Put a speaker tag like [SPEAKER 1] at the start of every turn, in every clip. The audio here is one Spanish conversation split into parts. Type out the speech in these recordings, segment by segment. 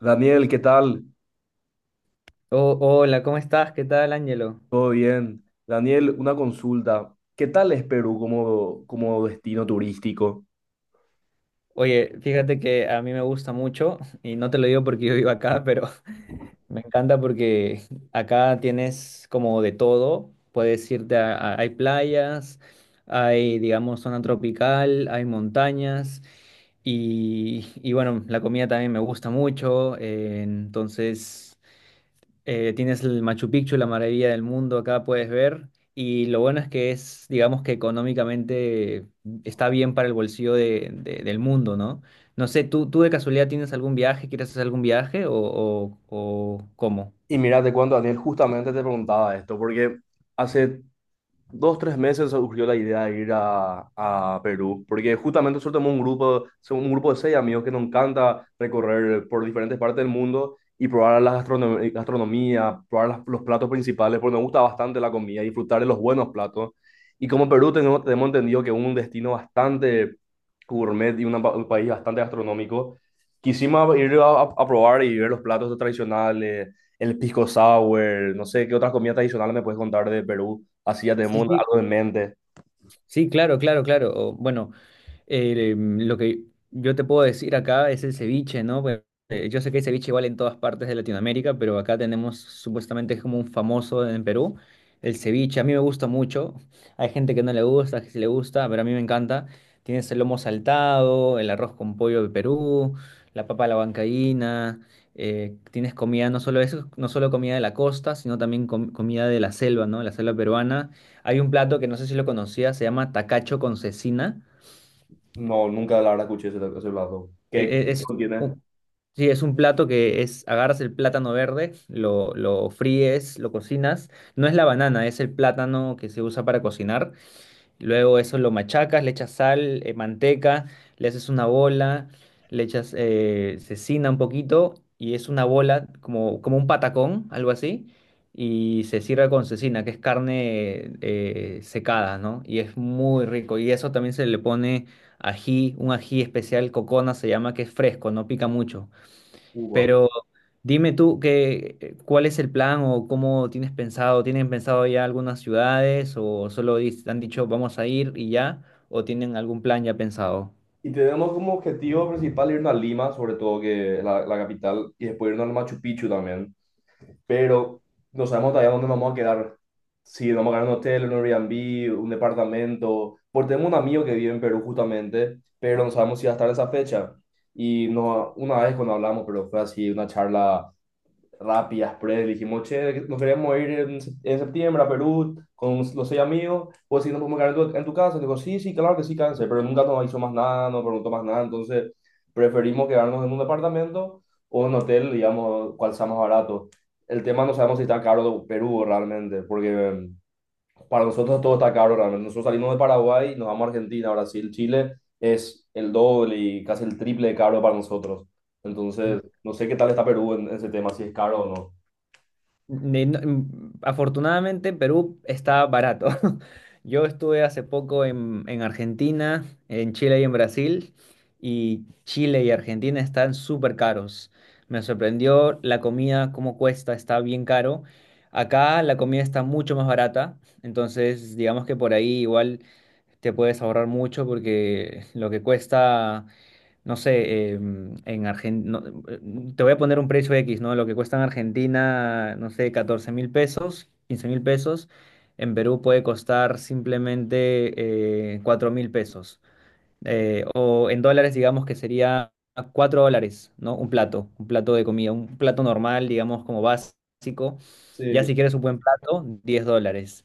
[SPEAKER 1] Daniel, ¿qué tal?
[SPEAKER 2] Oh, hola, ¿cómo estás? ¿Qué tal, Ángelo?
[SPEAKER 1] ¿Todo bien? Daniel, una consulta. ¿Qué tal es Perú como destino turístico?
[SPEAKER 2] Oye, fíjate que a mí me gusta mucho, y no te lo digo porque yo vivo acá, pero me encanta porque acá tienes como de todo. Puedes irte hay playas, hay, digamos, zona tropical, hay montañas, y bueno, la comida también me gusta mucho, entonces. Tienes el Machu Picchu, la maravilla del mundo, acá puedes ver. Y lo bueno es que es, digamos que económicamente está bien para el bolsillo del mundo, ¿no? No sé, ¿tú de casualidad tienes algún viaje? ¿Quieres hacer algún viaje o cómo?
[SPEAKER 1] Y mira, te cuento, Daniel, justamente te preguntaba esto, porque hace 2, 3 meses surgió la idea de ir a Perú, porque justamente nosotros tenemos un grupo, somos un grupo de seis amigos que nos encanta recorrer por diferentes partes del mundo y probar la gastronomía, probar los platos principales, porque nos gusta bastante la comida, disfrutar de los buenos platos. Y como Perú tenemos entendido que es un destino bastante gourmet y un país bastante gastronómico, quisimos ir a probar y ver los platos tradicionales, el pisco sour, no sé qué otras comidas tradicionales me puedes contar de Perú. Así ya
[SPEAKER 2] Sí,
[SPEAKER 1] tenemos
[SPEAKER 2] sí,
[SPEAKER 1] algo en mente.
[SPEAKER 2] sí, claro, claro, claro. O, bueno, lo que yo te puedo decir acá es el ceviche, ¿no? Pues, yo sé que el ceviche igual en todas partes de Latinoamérica, pero acá tenemos supuestamente es como un famoso en Perú, el ceviche. A mí me gusta mucho. Hay gente que no le gusta, que sí le gusta, pero a mí me encanta. Tienes el lomo saltado, el arroz con pollo de Perú, la papa a la huancaína. Tienes comida, no solo eso, no solo comida de la costa, sino también comida de la selva, ¿no? La selva peruana. Hay un plato que no sé si lo conocías, se llama tacacho con cecina.
[SPEAKER 1] No, nunca la verdad escuché ese plato.
[SPEAKER 2] E-
[SPEAKER 1] ¿Qué
[SPEAKER 2] e- Es,
[SPEAKER 1] opción tiene
[SPEAKER 2] un, sí, es un plato que es, agarras el plátano verde, lo fríes, lo cocinas. No es la banana, es el plátano que se usa para cocinar. Luego eso lo machacas, le echas sal, manteca, le haces una bola, le echas cecina un poquito y es una bola como, como un patacón, algo así. Y se sirve con cecina, que es carne secada, ¿no? Y es muy rico. Y eso también se le pone ají, un ají especial, cocona se llama, que es fresco, no pica mucho.
[SPEAKER 1] Cuba?
[SPEAKER 2] Pero dime tú que, ¿cuál es el plan o cómo tienes pensado? ¿Tienen pensado ya algunas ciudades o solo han dicho vamos a ir y ya? ¿O tienen algún plan ya pensado?
[SPEAKER 1] Y tenemos como objetivo principal irnos a Lima, sobre todo que es la capital, y después irnos al Machu Picchu también. Pero no sabemos todavía dónde nos vamos a quedar. Si nos vamos a quedar en un hotel, en un Airbnb, un departamento. Porque tenemos un amigo que vive en Perú justamente, pero no sabemos si va a estar en esa fecha. Y no, una vez cuando hablamos, pero fue así una charla rápidas, pre, dijimos, che, nos queremos ir en septiembre a Perú con los seis amigos, pues si nos podemos quedar en tu casa, digo, sí, sí, claro que sí, cáncer, pero nunca nos hizo más nada, no preguntó más nada, entonces preferimos quedarnos en un departamento o en un hotel, digamos, cual sea más barato. El tema no sabemos si está caro Perú realmente, porque para nosotros todo está caro realmente. Nosotros salimos de Paraguay, nos vamos a Argentina, Brasil, Chile, es el doble y casi el triple de caro para nosotros. Entonces, no sé qué tal está Perú en ese tema, si es caro o no.
[SPEAKER 2] Afortunadamente, Perú está barato. Yo estuve hace poco en Argentina, en Chile y en Brasil, y Chile y Argentina están súper caros. Me sorprendió la comida, cómo cuesta, está bien caro. Acá la comida está mucho más barata, entonces digamos que por ahí igual te puedes ahorrar mucho porque lo que cuesta no sé, en Argentina, te voy a poner un precio X, ¿no? Lo que cuesta en Argentina, no sé, 14.000 pesos, 15.000 pesos, en Perú puede costar simplemente 4 mil pesos. O en dólares, digamos que sería $4, ¿no? Un plato de comida, un plato normal, digamos, como básico. Ya
[SPEAKER 1] Sí.
[SPEAKER 2] si quieres un buen plato, $10.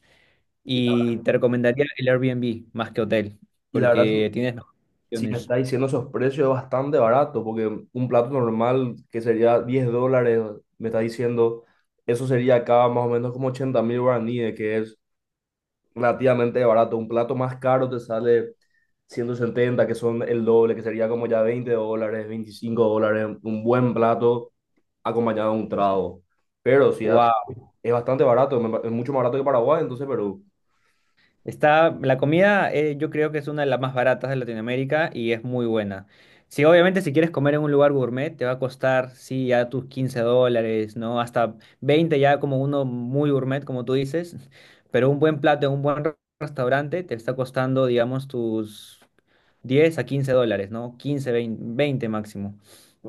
[SPEAKER 1] Y la,
[SPEAKER 2] Y te recomendaría el Airbnb más que hotel,
[SPEAKER 1] y la verdad,
[SPEAKER 2] porque tienes mejores
[SPEAKER 1] si me
[SPEAKER 2] opciones.
[SPEAKER 1] está diciendo esos precios es bastante barato, porque un plato normal que sería $10, me está diciendo, eso sería acá más o menos como 80.000 guaraníes, que es relativamente barato. Un plato más caro te sale 170, que son el doble, que sería como ya $20, $25, un buen plato acompañado de un trago. Pero si es bastante barato, es mucho más barato que Paraguay, entonces Perú,
[SPEAKER 2] Está, la comida, yo creo que es una de las más baratas de Latinoamérica y es muy buena. Sí, obviamente si quieres comer en un lugar gourmet te va a costar, sí, ya tus $15, ¿no? Hasta 20 ya como uno muy gourmet, como tú dices, pero un buen plato en un buen restaurante te está costando, digamos, tus $10 a $15, ¿no? Quince, veinte, 20 máximo.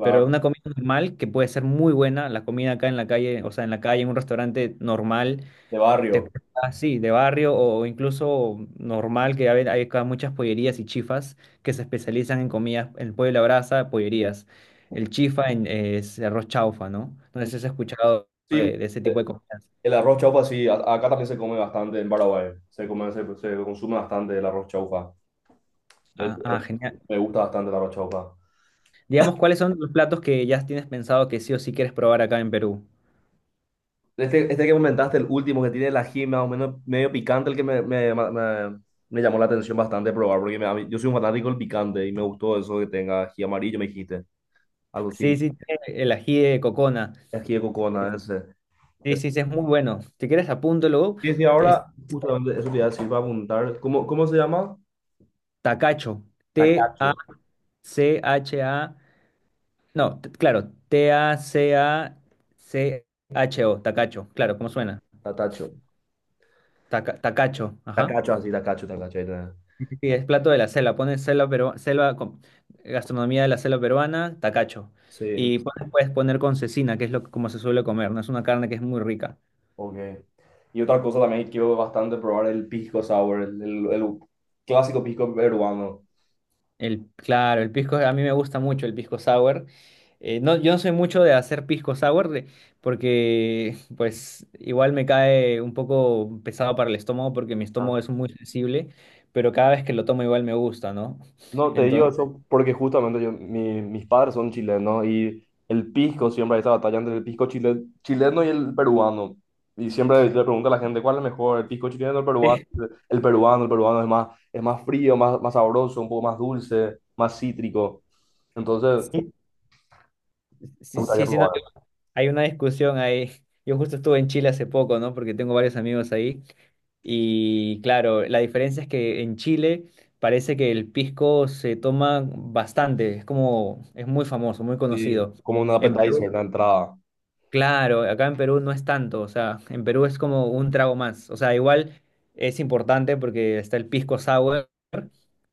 [SPEAKER 2] Pero una comida normal que puede ser muy buena, la comida acá en la calle, o sea, en la calle, en un restaurante normal
[SPEAKER 1] De barrio.
[SPEAKER 2] así, de barrio o incluso normal, que hay acá muchas pollerías y chifas que se especializan en comidas, en pollo a la brasa, pollerías. El chifa es arroz chaufa, ¿no? Entonces, ¿has escuchado
[SPEAKER 1] Sí.
[SPEAKER 2] de ese tipo de comidas?
[SPEAKER 1] El arroz chaufa, sí, a- acá también se come bastante en Paraguay. Se consume bastante el arroz chaufa. De
[SPEAKER 2] Ah, ah,
[SPEAKER 1] hecho,
[SPEAKER 2] genial.
[SPEAKER 1] me gusta bastante el arroz chaufa.
[SPEAKER 2] Digamos, ¿cuáles son los platos que ya tienes pensado que sí o sí quieres probar acá en Perú?
[SPEAKER 1] Este que comentaste, el último que tiene el ají, más o menos medio picante, el que me llamó la atención bastante probar, porque yo soy un fanático del picante y me gustó eso que tenga ají amarillo, me dijiste. Algo
[SPEAKER 2] Sí,
[SPEAKER 1] así,
[SPEAKER 2] sí, el ají de cocona.
[SPEAKER 1] ají de cocona, ese.
[SPEAKER 2] Sí,
[SPEAKER 1] Ese.
[SPEAKER 2] sí, sí, es muy bueno. Si quieres, apúntalo.
[SPEAKER 1] Sí, sí,
[SPEAKER 2] Es
[SPEAKER 1] ahora justamente eso te iba a decir para apuntar. ¿Cómo se llama?
[SPEAKER 2] tacacho.
[SPEAKER 1] Tacacho,
[SPEAKER 2] TACHA. No, claro, Tacacho, tacacho, claro, ¿cómo suena?
[SPEAKER 1] tacacho.
[SPEAKER 2] Tacacho, ajá.
[SPEAKER 1] Tacacho, así, tacacho, tacacho. Ahí tenés.
[SPEAKER 2] Sí, es plato de la selva, pones selva, pero selva gastronomía de la selva peruana, tacacho.
[SPEAKER 1] Sí.
[SPEAKER 2] Y puedes poner con cecina, que es lo, como se suele comer, ¿no? Es una carne que es muy rica.
[SPEAKER 1] Ok. Y otra cosa también que quiero bastante probar el pisco sour, el clásico pisco peruano.
[SPEAKER 2] El, claro, el pisco, a mí me gusta mucho el pisco sour. No, yo no soy mucho de hacer pisco sour porque pues igual me cae un poco pesado para el estómago porque mi estómago
[SPEAKER 1] Ah,
[SPEAKER 2] es muy sensible, pero cada vez que lo tomo igual me gusta, ¿no?
[SPEAKER 1] no, te digo
[SPEAKER 2] Entonces,
[SPEAKER 1] eso porque justamente yo, mis padres son chilenos y el pisco, siempre hay esa batalla entre el pisco chileno y el peruano. Y siempre le pregunto a la gente, ¿cuál es mejor, el pisco chileno o el peruano? El peruano, el peruano es más frío, más sabroso, un poco más dulce, más cítrico. Entonces,
[SPEAKER 2] sí,
[SPEAKER 1] me
[SPEAKER 2] sí,
[SPEAKER 1] gustaría
[SPEAKER 2] sí, sí, no.
[SPEAKER 1] probar.
[SPEAKER 2] Hay una discusión ahí. Yo justo estuve en Chile hace poco, ¿no? Porque tengo varios amigos ahí. Y claro, la diferencia es que en Chile parece que el pisco se toma bastante. Es como, es muy famoso, muy
[SPEAKER 1] Sí,
[SPEAKER 2] conocido.
[SPEAKER 1] como un
[SPEAKER 2] En
[SPEAKER 1] appetizer,
[SPEAKER 2] Perú,
[SPEAKER 1] la entrada.
[SPEAKER 2] claro, acá en Perú no es tanto. O sea, en Perú es como un trago más. O sea, igual es importante porque está el pisco sour,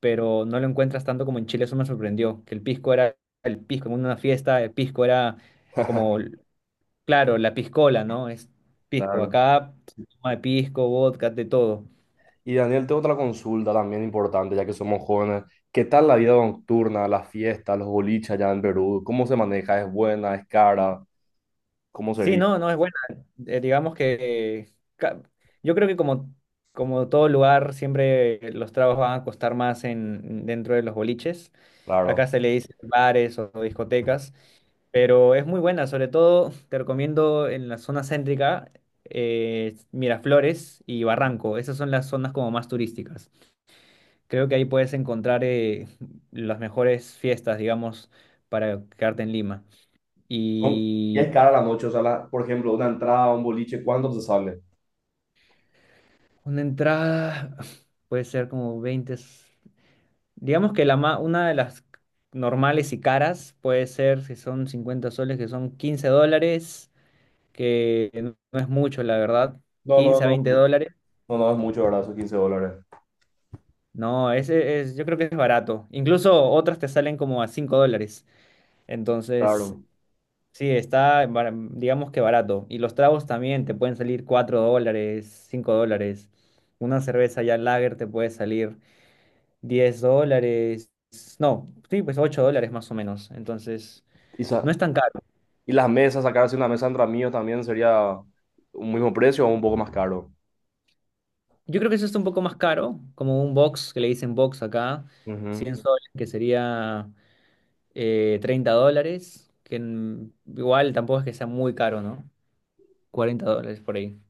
[SPEAKER 2] pero no lo encuentras tanto como en Chile. Eso me sorprendió, que el pisco era el pisco en una fiesta, el pisco era como. Claro, la piscola, ¿no? Es pisco.
[SPEAKER 1] Claro.
[SPEAKER 2] Acá se toma de pisco, vodka, de todo.
[SPEAKER 1] Y Daniel, tengo otra consulta también importante, ya que somos jóvenes. ¿Qué tal la vida nocturna, las fiestas, los boliches allá en Perú? ¿Cómo se maneja? ¿Es buena? ¿Es cara? ¿Cómo
[SPEAKER 2] Sí,
[SPEAKER 1] sería?
[SPEAKER 2] no, no es buena. Digamos que yo creo que como todo lugar, siempre los tragos van a costar más en, dentro de los boliches.
[SPEAKER 1] Claro.
[SPEAKER 2] Acá se le dice bares o discotecas, pero es muy buena. Sobre todo te recomiendo en la zona céntrica, Miraflores y Barranco. Esas son las zonas como más turísticas. Creo que ahí puedes encontrar, las mejores fiestas, digamos, para quedarte en Lima.
[SPEAKER 1] No. Y
[SPEAKER 2] Y
[SPEAKER 1] es cara la noche, o sea, por ejemplo, una entrada a un boliche, ¿cuánto te sale?
[SPEAKER 2] una entrada puede ser como digamos que una de las normales y caras puede ser, si son 50 soles, que son $15, que no es mucho, la verdad.
[SPEAKER 1] No, no,
[SPEAKER 2] quince a
[SPEAKER 1] no,
[SPEAKER 2] veinte dólares.
[SPEAKER 1] no, no es mucho, ¿verdad? Son $15.
[SPEAKER 2] No, ese es, yo creo que es barato. Incluso otras te salen como a $5. Entonces,
[SPEAKER 1] Claro.
[SPEAKER 2] sí, está, digamos que barato. Y los tragos también te pueden salir $4, $5. Una cerveza ya lager te puede salir $10. No, sí, pues $8 más o menos. Entonces,
[SPEAKER 1] Y,
[SPEAKER 2] no
[SPEAKER 1] sa-
[SPEAKER 2] es tan caro.
[SPEAKER 1] y las mesas, sacarse una mesa entre amigos también sería un mismo precio o un poco más caro.
[SPEAKER 2] Yo creo que eso está un poco más caro, como un box, que le dicen box acá,
[SPEAKER 1] Ujú.
[SPEAKER 2] 100 soles, que sería, $30, que, mm, igual tampoco es que sea muy caro, ¿no? $40 por ahí.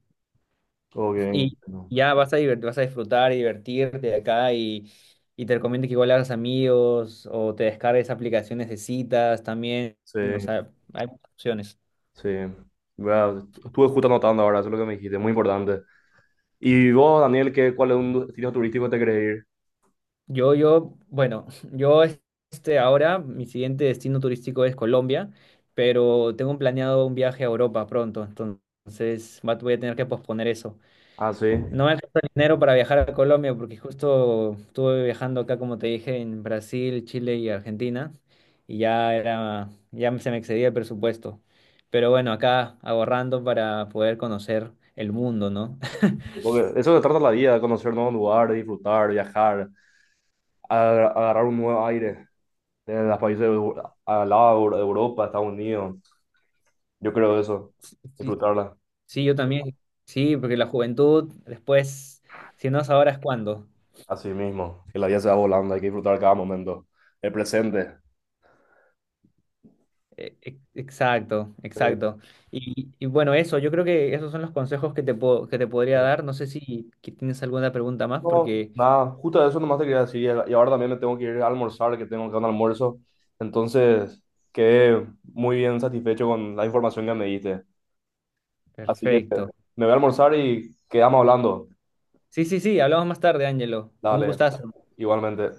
[SPEAKER 1] Ok,
[SPEAKER 2] Y
[SPEAKER 1] entiendo.
[SPEAKER 2] ya vas a vas a disfrutar y divertirte acá y te recomiendo que igual hagas amigos o te descargues aplicaciones de citas también.
[SPEAKER 1] Sí,
[SPEAKER 2] O sea, hay muchas opciones.
[SPEAKER 1] sí. Bueno, estuve justo anotando ahora, eso es lo que me dijiste, muy importante. Y vos, Daniel, cuál es un destino turístico que te querés ir?
[SPEAKER 2] Yo, bueno, yo este ahora, mi siguiente destino turístico es Colombia, pero tengo planeado un viaje a Europa pronto, entonces voy a tener que posponer eso.
[SPEAKER 1] Ah, sí.
[SPEAKER 2] No me alcanza el dinero para viajar a Colombia porque justo estuve viajando acá, como te dije, en Brasil, Chile y Argentina, y ya era, ya se me excedía el presupuesto. Pero bueno, acá ahorrando para poder conocer el mundo, ¿no?
[SPEAKER 1] Porque eso se trata la vida, de conocer nuevos lugares, disfrutar, viajar, agarrar un nuevo aire de los países al lado de Europa, Estados Unidos. Yo creo eso,
[SPEAKER 2] Sí,
[SPEAKER 1] disfrutarla
[SPEAKER 2] sí, yo también. Sí, porque la juventud, después, si no es ahora, es cuándo.
[SPEAKER 1] a sí mismo. Que la vida se va volando, hay que disfrutar cada momento, el presente.
[SPEAKER 2] Exacto,
[SPEAKER 1] Sí.
[SPEAKER 2] exacto. Y bueno, eso, yo creo que esos son los consejos que te puedo, que te podría dar. No sé si que tienes alguna pregunta más,
[SPEAKER 1] No,
[SPEAKER 2] porque.
[SPEAKER 1] nada, justo eso nomás te quería decir. Y ahora también me tengo que ir a almorzar, que tengo que un almuerzo. Entonces, quedé muy bien satisfecho con la información que me diste. Así que
[SPEAKER 2] Perfecto.
[SPEAKER 1] me voy a almorzar y quedamos hablando.
[SPEAKER 2] Sí, sí, sí, hablamos más tarde, Ángelo. Un
[SPEAKER 1] Dale,
[SPEAKER 2] gustazo.
[SPEAKER 1] igualmente.